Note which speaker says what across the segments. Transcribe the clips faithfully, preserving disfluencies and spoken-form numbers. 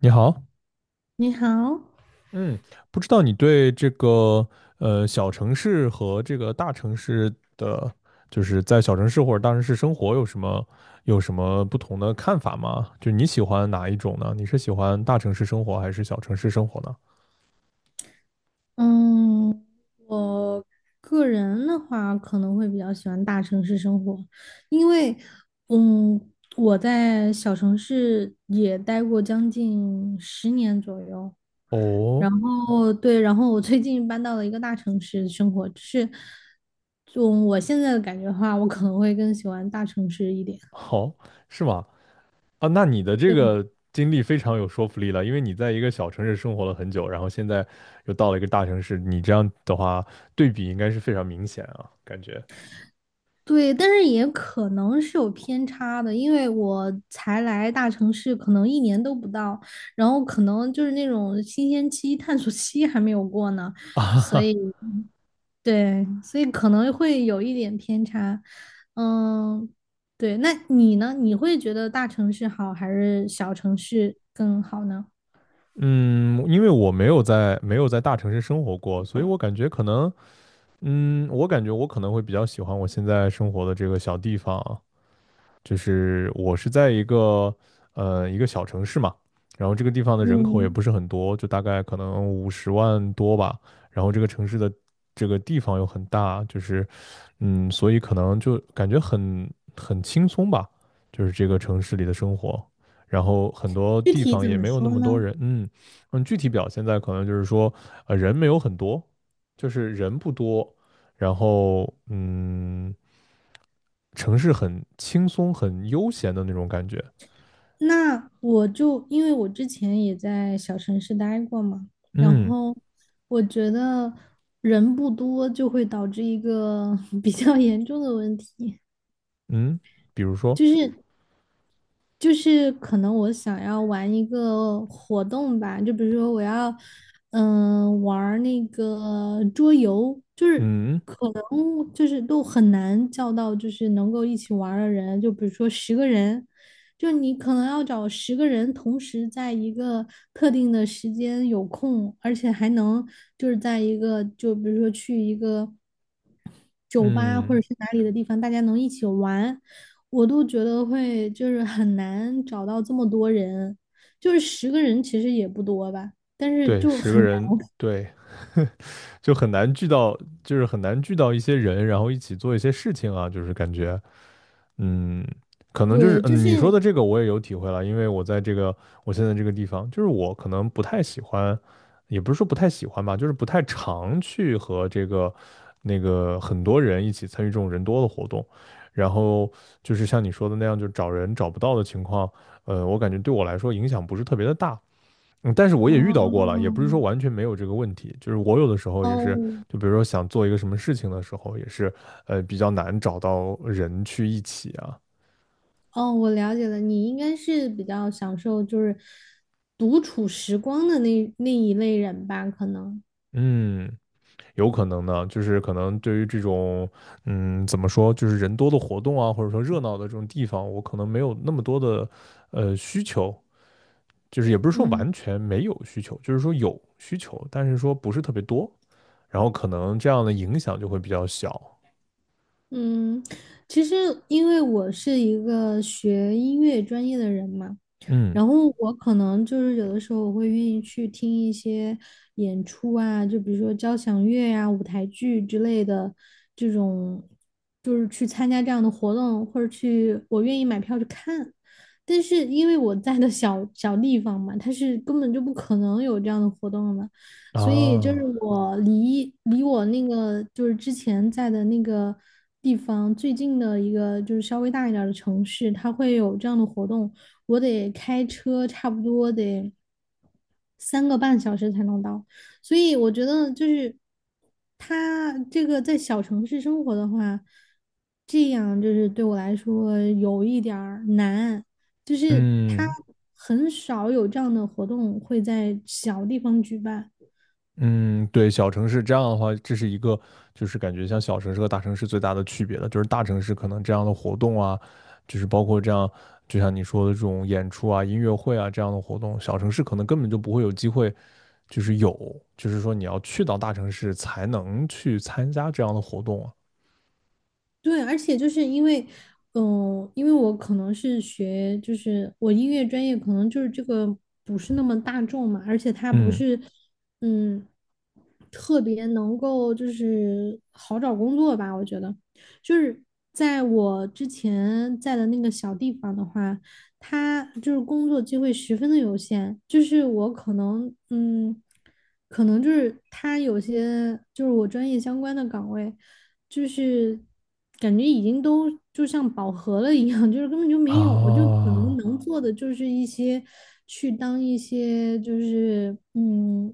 Speaker 1: 你好，
Speaker 2: 你好，
Speaker 1: 嗯，不知道你对这个呃小城市和这个大城市的，就是在小城市或者大城市生活有什么有什么不同的看法吗？就你喜欢哪一种呢？你是喜欢大城市生活还是小城市生活呢？
Speaker 2: 嗯，我个人的话可能会比较喜欢大城市生活，因为，嗯，我在小城市也待过将近十年左右。
Speaker 1: 哦，
Speaker 2: 然后对，然后我最近搬到了一个大城市生活，就是，就我现在的感觉的话，我可能会更喜欢大城市一点。
Speaker 1: 好，是吗？啊，那你的这个经历非常有说服力了，因为你在一个小城市生活了很久，然后现在又到了一个大城市，你这样的话对比应该是非常明显啊，感觉。
Speaker 2: 对，但是也可能是有偏差的，因为我才来大城市，可能一年都不到，然后可能就是那种新鲜期、探索期还没有过呢，所以对，所以可能会有一点偏差。嗯，对，那你呢？你会觉得大城市好还是小城市更好呢？
Speaker 1: 嗯，因为我没有在没有在大城市生活过，所以我感觉可能，嗯，我感觉我可能会比较喜欢我现在生活的这个小地方啊，就是我是在一个呃一个小城市嘛，然后这个地方的人口也
Speaker 2: 嗯，
Speaker 1: 不是很多，就大概可能五十万多吧，然后这个城市的这个地方又很大，就是嗯，所以可能就感觉很很轻松吧，就是这个城市里的生活，然后很多
Speaker 2: 具
Speaker 1: 地
Speaker 2: 体
Speaker 1: 方
Speaker 2: 怎
Speaker 1: 也
Speaker 2: 么
Speaker 1: 没有那
Speaker 2: 说
Speaker 1: 么多
Speaker 2: 呢？
Speaker 1: 人，嗯嗯，具体表现在可能就是说呃人没有很多。就是人不多，然后嗯，城市很轻松、很悠闲的那种感觉。
Speaker 2: 那我就因为我之前也在小城市待过嘛，然
Speaker 1: 嗯
Speaker 2: 后我觉得人不多就会导致一个 比较严重的问题，
Speaker 1: 嗯，比如说，
Speaker 2: 就是就是可能我想要玩一个活动吧，就比如说我要嗯、玩儿那个桌游，就是
Speaker 1: 嗯
Speaker 2: 嗯，就是都很难叫到，就是能够一起玩儿的人。就比如说十个人，就你可能要找十个人同时在一个特定的时间有空，而且还能就是在一个，就比如说去一个酒吧或
Speaker 1: 嗯，
Speaker 2: 者是哪里的地方，大家能一起玩，我都觉得会就是很难找到这么多人。就是十个人其实也不多吧，但是
Speaker 1: 对，
Speaker 2: 就
Speaker 1: 十
Speaker 2: 很
Speaker 1: 个
Speaker 2: 难，
Speaker 1: 人，对，就很难聚到，就是很难聚到一些人，然后一起做一些事情啊，就是感觉，嗯，可能就是
Speaker 2: 对，就
Speaker 1: 嗯，
Speaker 2: 是，
Speaker 1: 你说的这个我也有体会了，因为我在这个我现在这个地方，就是我可能不太喜欢，也不是说不太喜欢吧，就是不太常去和这个那个很多人一起参与这种人多的活动，然后就是像你说的那样，就找人找不到的情况，呃，我感觉对我来说影响不是特别的大。嗯，但是我也遇到过了，也不
Speaker 2: 哦，
Speaker 1: 是说完全没有这个问题，就是我有的时候也是，
Speaker 2: 哦。
Speaker 1: 就比如说想做一个什么事情的时候，也是，呃，比较难找到人去一起啊。
Speaker 2: 哦，我了解了，你应该是比较享受就是独处时光的那那一类人吧？可能，
Speaker 1: 嗯，有可能呢，就是可能对于这种，嗯，怎么说，就是人多的活动啊，或者说热闹的这种地方，我可能没有那么多的，呃，需求，就是也不是说
Speaker 2: 嗯
Speaker 1: 完全没有需求，就是说有需求，但是说不是特别多，然后可能这样的影响就会比较小。
Speaker 2: 嗯，其实因为我是一个学音乐专业的人嘛，
Speaker 1: 嗯，
Speaker 2: 然后我可能就是有的时候我会愿意去听一些演出啊，就比如说交响乐呀、舞台剧之类的这种，就是去参加这样的活动，或者去我愿意买票去看。但是因为我在的小小地方嘛，它是根本就不可能有这样的活动的嘛，所以就是
Speaker 1: 啊，
Speaker 2: 我离离我那个就是之前在的那个地方最近的一个就是稍微大一点儿的城市，它会有这样的活动，我得开车差不多得三个半小时才能到。所以我觉得就是他这个在小城市生活的话，这样就是对我来说有一点儿难，就是他
Speaker 1: 嗯。
Speaker 2: 很少有这样的活动会在小地方举办。
Speaker 1: 嗯，对，小城市这样的话，这是一个就是感觉像小城市和大城市最大的区别的，就是大城市可能这样的活动啊，就是包括这样，就像你说的这种演出啊、音乐会啊这样的活动，小城市可能根本就不会有机会，就是有，就是说你要去到大城市才能去参加这样的活动啊。
Speaker 2: 对，而且就是因为，嗯、因为我可能是学，就是我音乐专业可能就是这个不是那么大众嘛，而且它不
Speaker 1: 嗯，
Speaker 2: 是，嗯，特别能够就是好找工作吧，我觉得，就是在我之前在的那个小地方的话，它就是工作机会十分的有限，就是我可能，嗯，可能就是它有些就是我专业相关的岗位。就是感觉已经都就像饱和了一样，就是根本就没有，我就可能
Speaker 1: 啊。
Speaker 2: 能做的就是一些去当一些就是嗯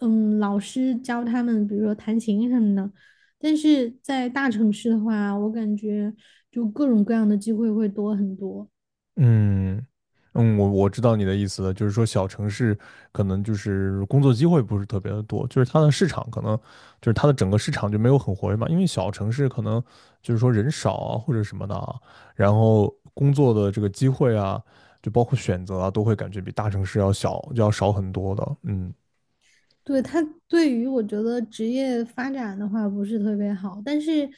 Speaker 2: 嗯老师教他们，比如说弹琴什么的。但是在大城市的话，我感觉就各种各样的机会会多很多。
Speaker 1: 嗯嗯，我我知道你的意思了，就是说小城市可能就是工作机会不是特别的多，就是它的市场可能就是它的整个市场就没有很活跃嘛，因为小城市可能就是说人少啊或者什么的啊，然后工作的这个机会啊，就包括选择啊，都会感觉比大城市要小要少很多的。嗯
Speaker 2: 对，他对于我觉得职业发展的话不是特别好，但是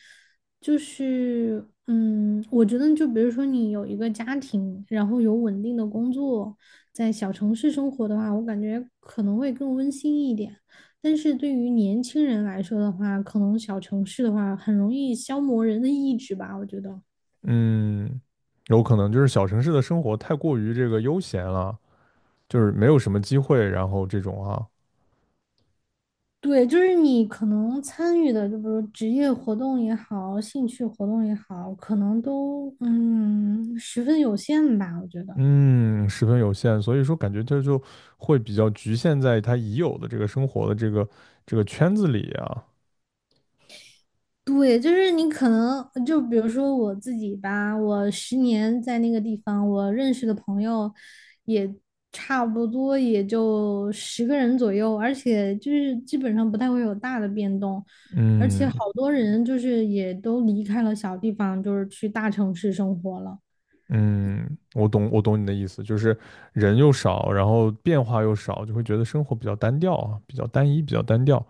Speaker 2: 就是嗯，我觉得就比如说你有一个家庭，然后有稳定的工作，在小城市生活的话，我感觉可能会更温馨一点。但是对于年轻人来说的话，可能小城市的话很容易消磨人的意志吧，我觉得。
Speaker 1: 嗯，有可能就是小城市的生活太过于这个悠闲了，就是没有什么机会，然后这种啊。
Speaker 2: 对，就是你可能参与的，就比如职业活动也好，兴趣活动也好，可能都嗯十分有限吧，我觉得。
Speaker 1: 嗯，十分有限，所以说感觉这就会比较局限在他已有的这个生活的这个这个圈子里啊。
Speaker 2: 对，就是你可能就比如说我自己吧，我十年在那个地方，我认识的朋友也差不多也就十个人左右，而且就是基本上不太会有大的变动，而且
Speaker 1: 嗯
Speaker 2: 好多人就是也都离开了小地方，就是去大城市生活了。
Speaker 1: 嗯，我懂，我懂你的意思，就是人又少，然后变化又少，就会觉得生活比较单调啊，比较单一，比较单调，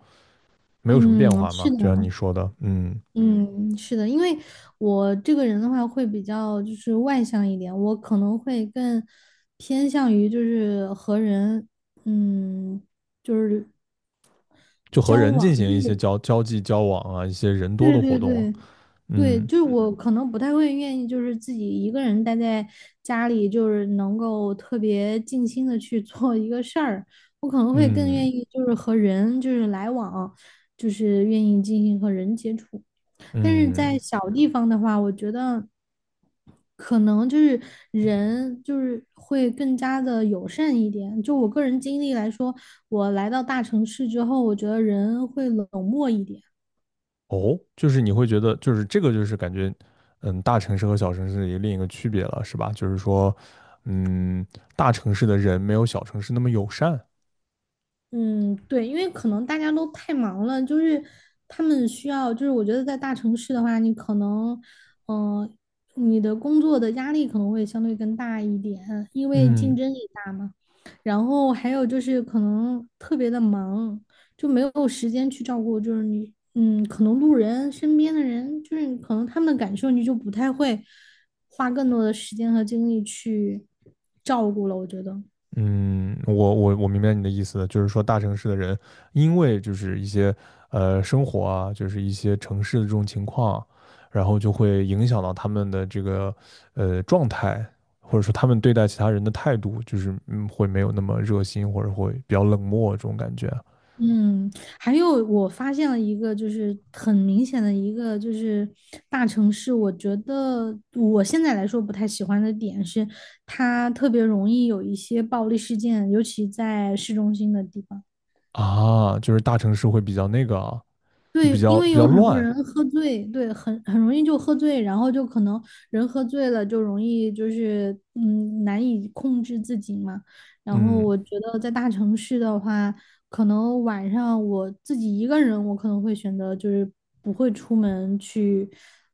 Speaker 1: 没有什么
Speaker 2: 嗯，
Speaker 1: 变化
Speaker 2: 是
Speaker 1: 嘛。就像
Speaker 2: 的。
Speaker 1: 你说的，嗯，
Speaker 2: 嗯，是的，因为我这个人的话会比较就是外向一点，我可能会更偏向于就是和人，嗯，就是
Speaker 1: 就和
Speaker 2: 交
Speaker 1: 人进
Speaker 2: 往。
Speaker 1: 行一些交交际交往啊，一些人多
Speaker 2: 对
Speaker 1: 的活
Speaker 2: 对对
Speaker 1: 动啊。
Speaker 2: 对对，
Speaker 1: 嗯
Speaker 2: 就是我可能不太会愿意就是自己一个人待在家里，就是能够特别静心的去做一个事儿，我可能会更
Speaker 1: 嗯
Speaker 2: 愿意就是和人就是来往，就是愿意进行和人接触。但是在
Speaker 1: 嗯，
Speaker 2: 小地方的话，我觉得可能就是人就是会更加的友善一点。就我个人经历来说，我来到大城市之后，我觉得人会冷漠一点。
Speaker 1: 哦，就是你会觉得，就是这个，就是感觉，嗯，大城市和小城市的一个另一个区别了，是吧？就是说，嗯，大城市的人没有小城市那么友善。
Speaker 2: 嗯，对，因为可能大家都太忙了，就是他们需要，就是我觉得在大城市的话，你可能，嗯、你的工作的压力可能会相对更大一点，因为竞
Speaker 1: 嗯
Speaker 2: 争也大嘛。然后还有就是可能特别的忙，就没有时间去照顾，就是你，嗯，可能路人身边的人，就是可能他们的感受，你就不太会花更多的时间和精力去照顾了，我觉得。
Speaker 1: 嗯，我我我明白你的意思了，就是说大城市的人，因为就是一些呃生活啊，就是一些城市的这种情况，然后就会影响到他们的这个呃状态，或者说他们对待其他人的态度，就是嗯会没有那么热心，或者会比较冷漠这种感觉啊。
Speaker 2: 嗯，还有我发现了一个，就是很明显的一个，就是大城市，我觉得我现在来说不太喜欢的点是，它特别容易有一些暴力事件，尤其在市中心的地方。
Speaker 1: 啊，就是大城市会比较那个啊，就
Speaker 2: 对，
Speaker 1: 比
Speaker 2: 因
Speaker 1: 较
Speaker 2: 为
Speaker 1: 比
Speaker 2: 有
Speaker 1: 较
Speaker 2: 很多嗯
Speaker 1: 乱。
Speaker 2: 人喝醉，对，很很容易就喝醉，然后就可能人喝醉了就容易就是嗯难以控制自己嘛。然后
Speaker 1: 嗯
Speaker 2: 我觉得在大城市的话，可能晚上我自己一个人，我可能会选择就是不会出门去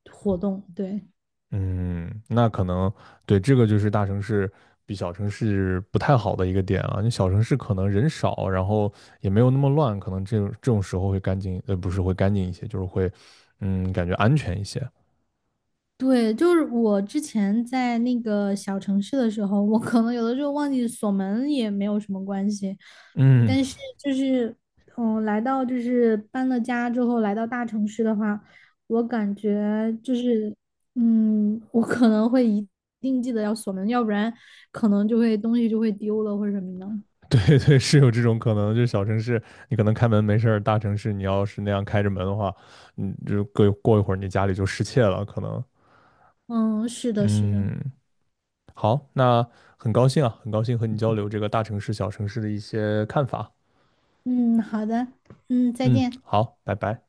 Speaker 2: 活动，对。
Speaker 1: 嗯，那可能对这个就是大城市比小城市不太好的一个点啊。你小城市可能人少，然后也没有那么乱，可能这种这种时候会干净，呃，不是会干净一些，就是会嗯感觉安全一些。
Speaker 2: 对，就是我之前在那个小城市的时候，我可能有的时候忘记锁门也没有什么关系，
Speaker 1: 嗯，
Speaker 2: 但是就是，嗯，来到就是搬了家之后来到大城市的话，我感觉就是，嗯，我可能会一定记得要锁门，要不然可能就会东西就会丢了或者什么的。
Speaker 1: 对对，是有这种可能。就是小城市你可能开门没事儿，大城市你要是那样开着门的话，你就过一过一会儿你家里就失窃了，可能。
Speaker 2: 嗯，是的，是的，
Speaker 1: 嗯好，那很高兴啊，很高兴和你交流这个大城市、小城市的一些看法。
Speaker 2: 嗯，好的，嗯，再
Speaker 1: 嗯，
Speaker 2: 见。
Speaker 1: 好，拜拜。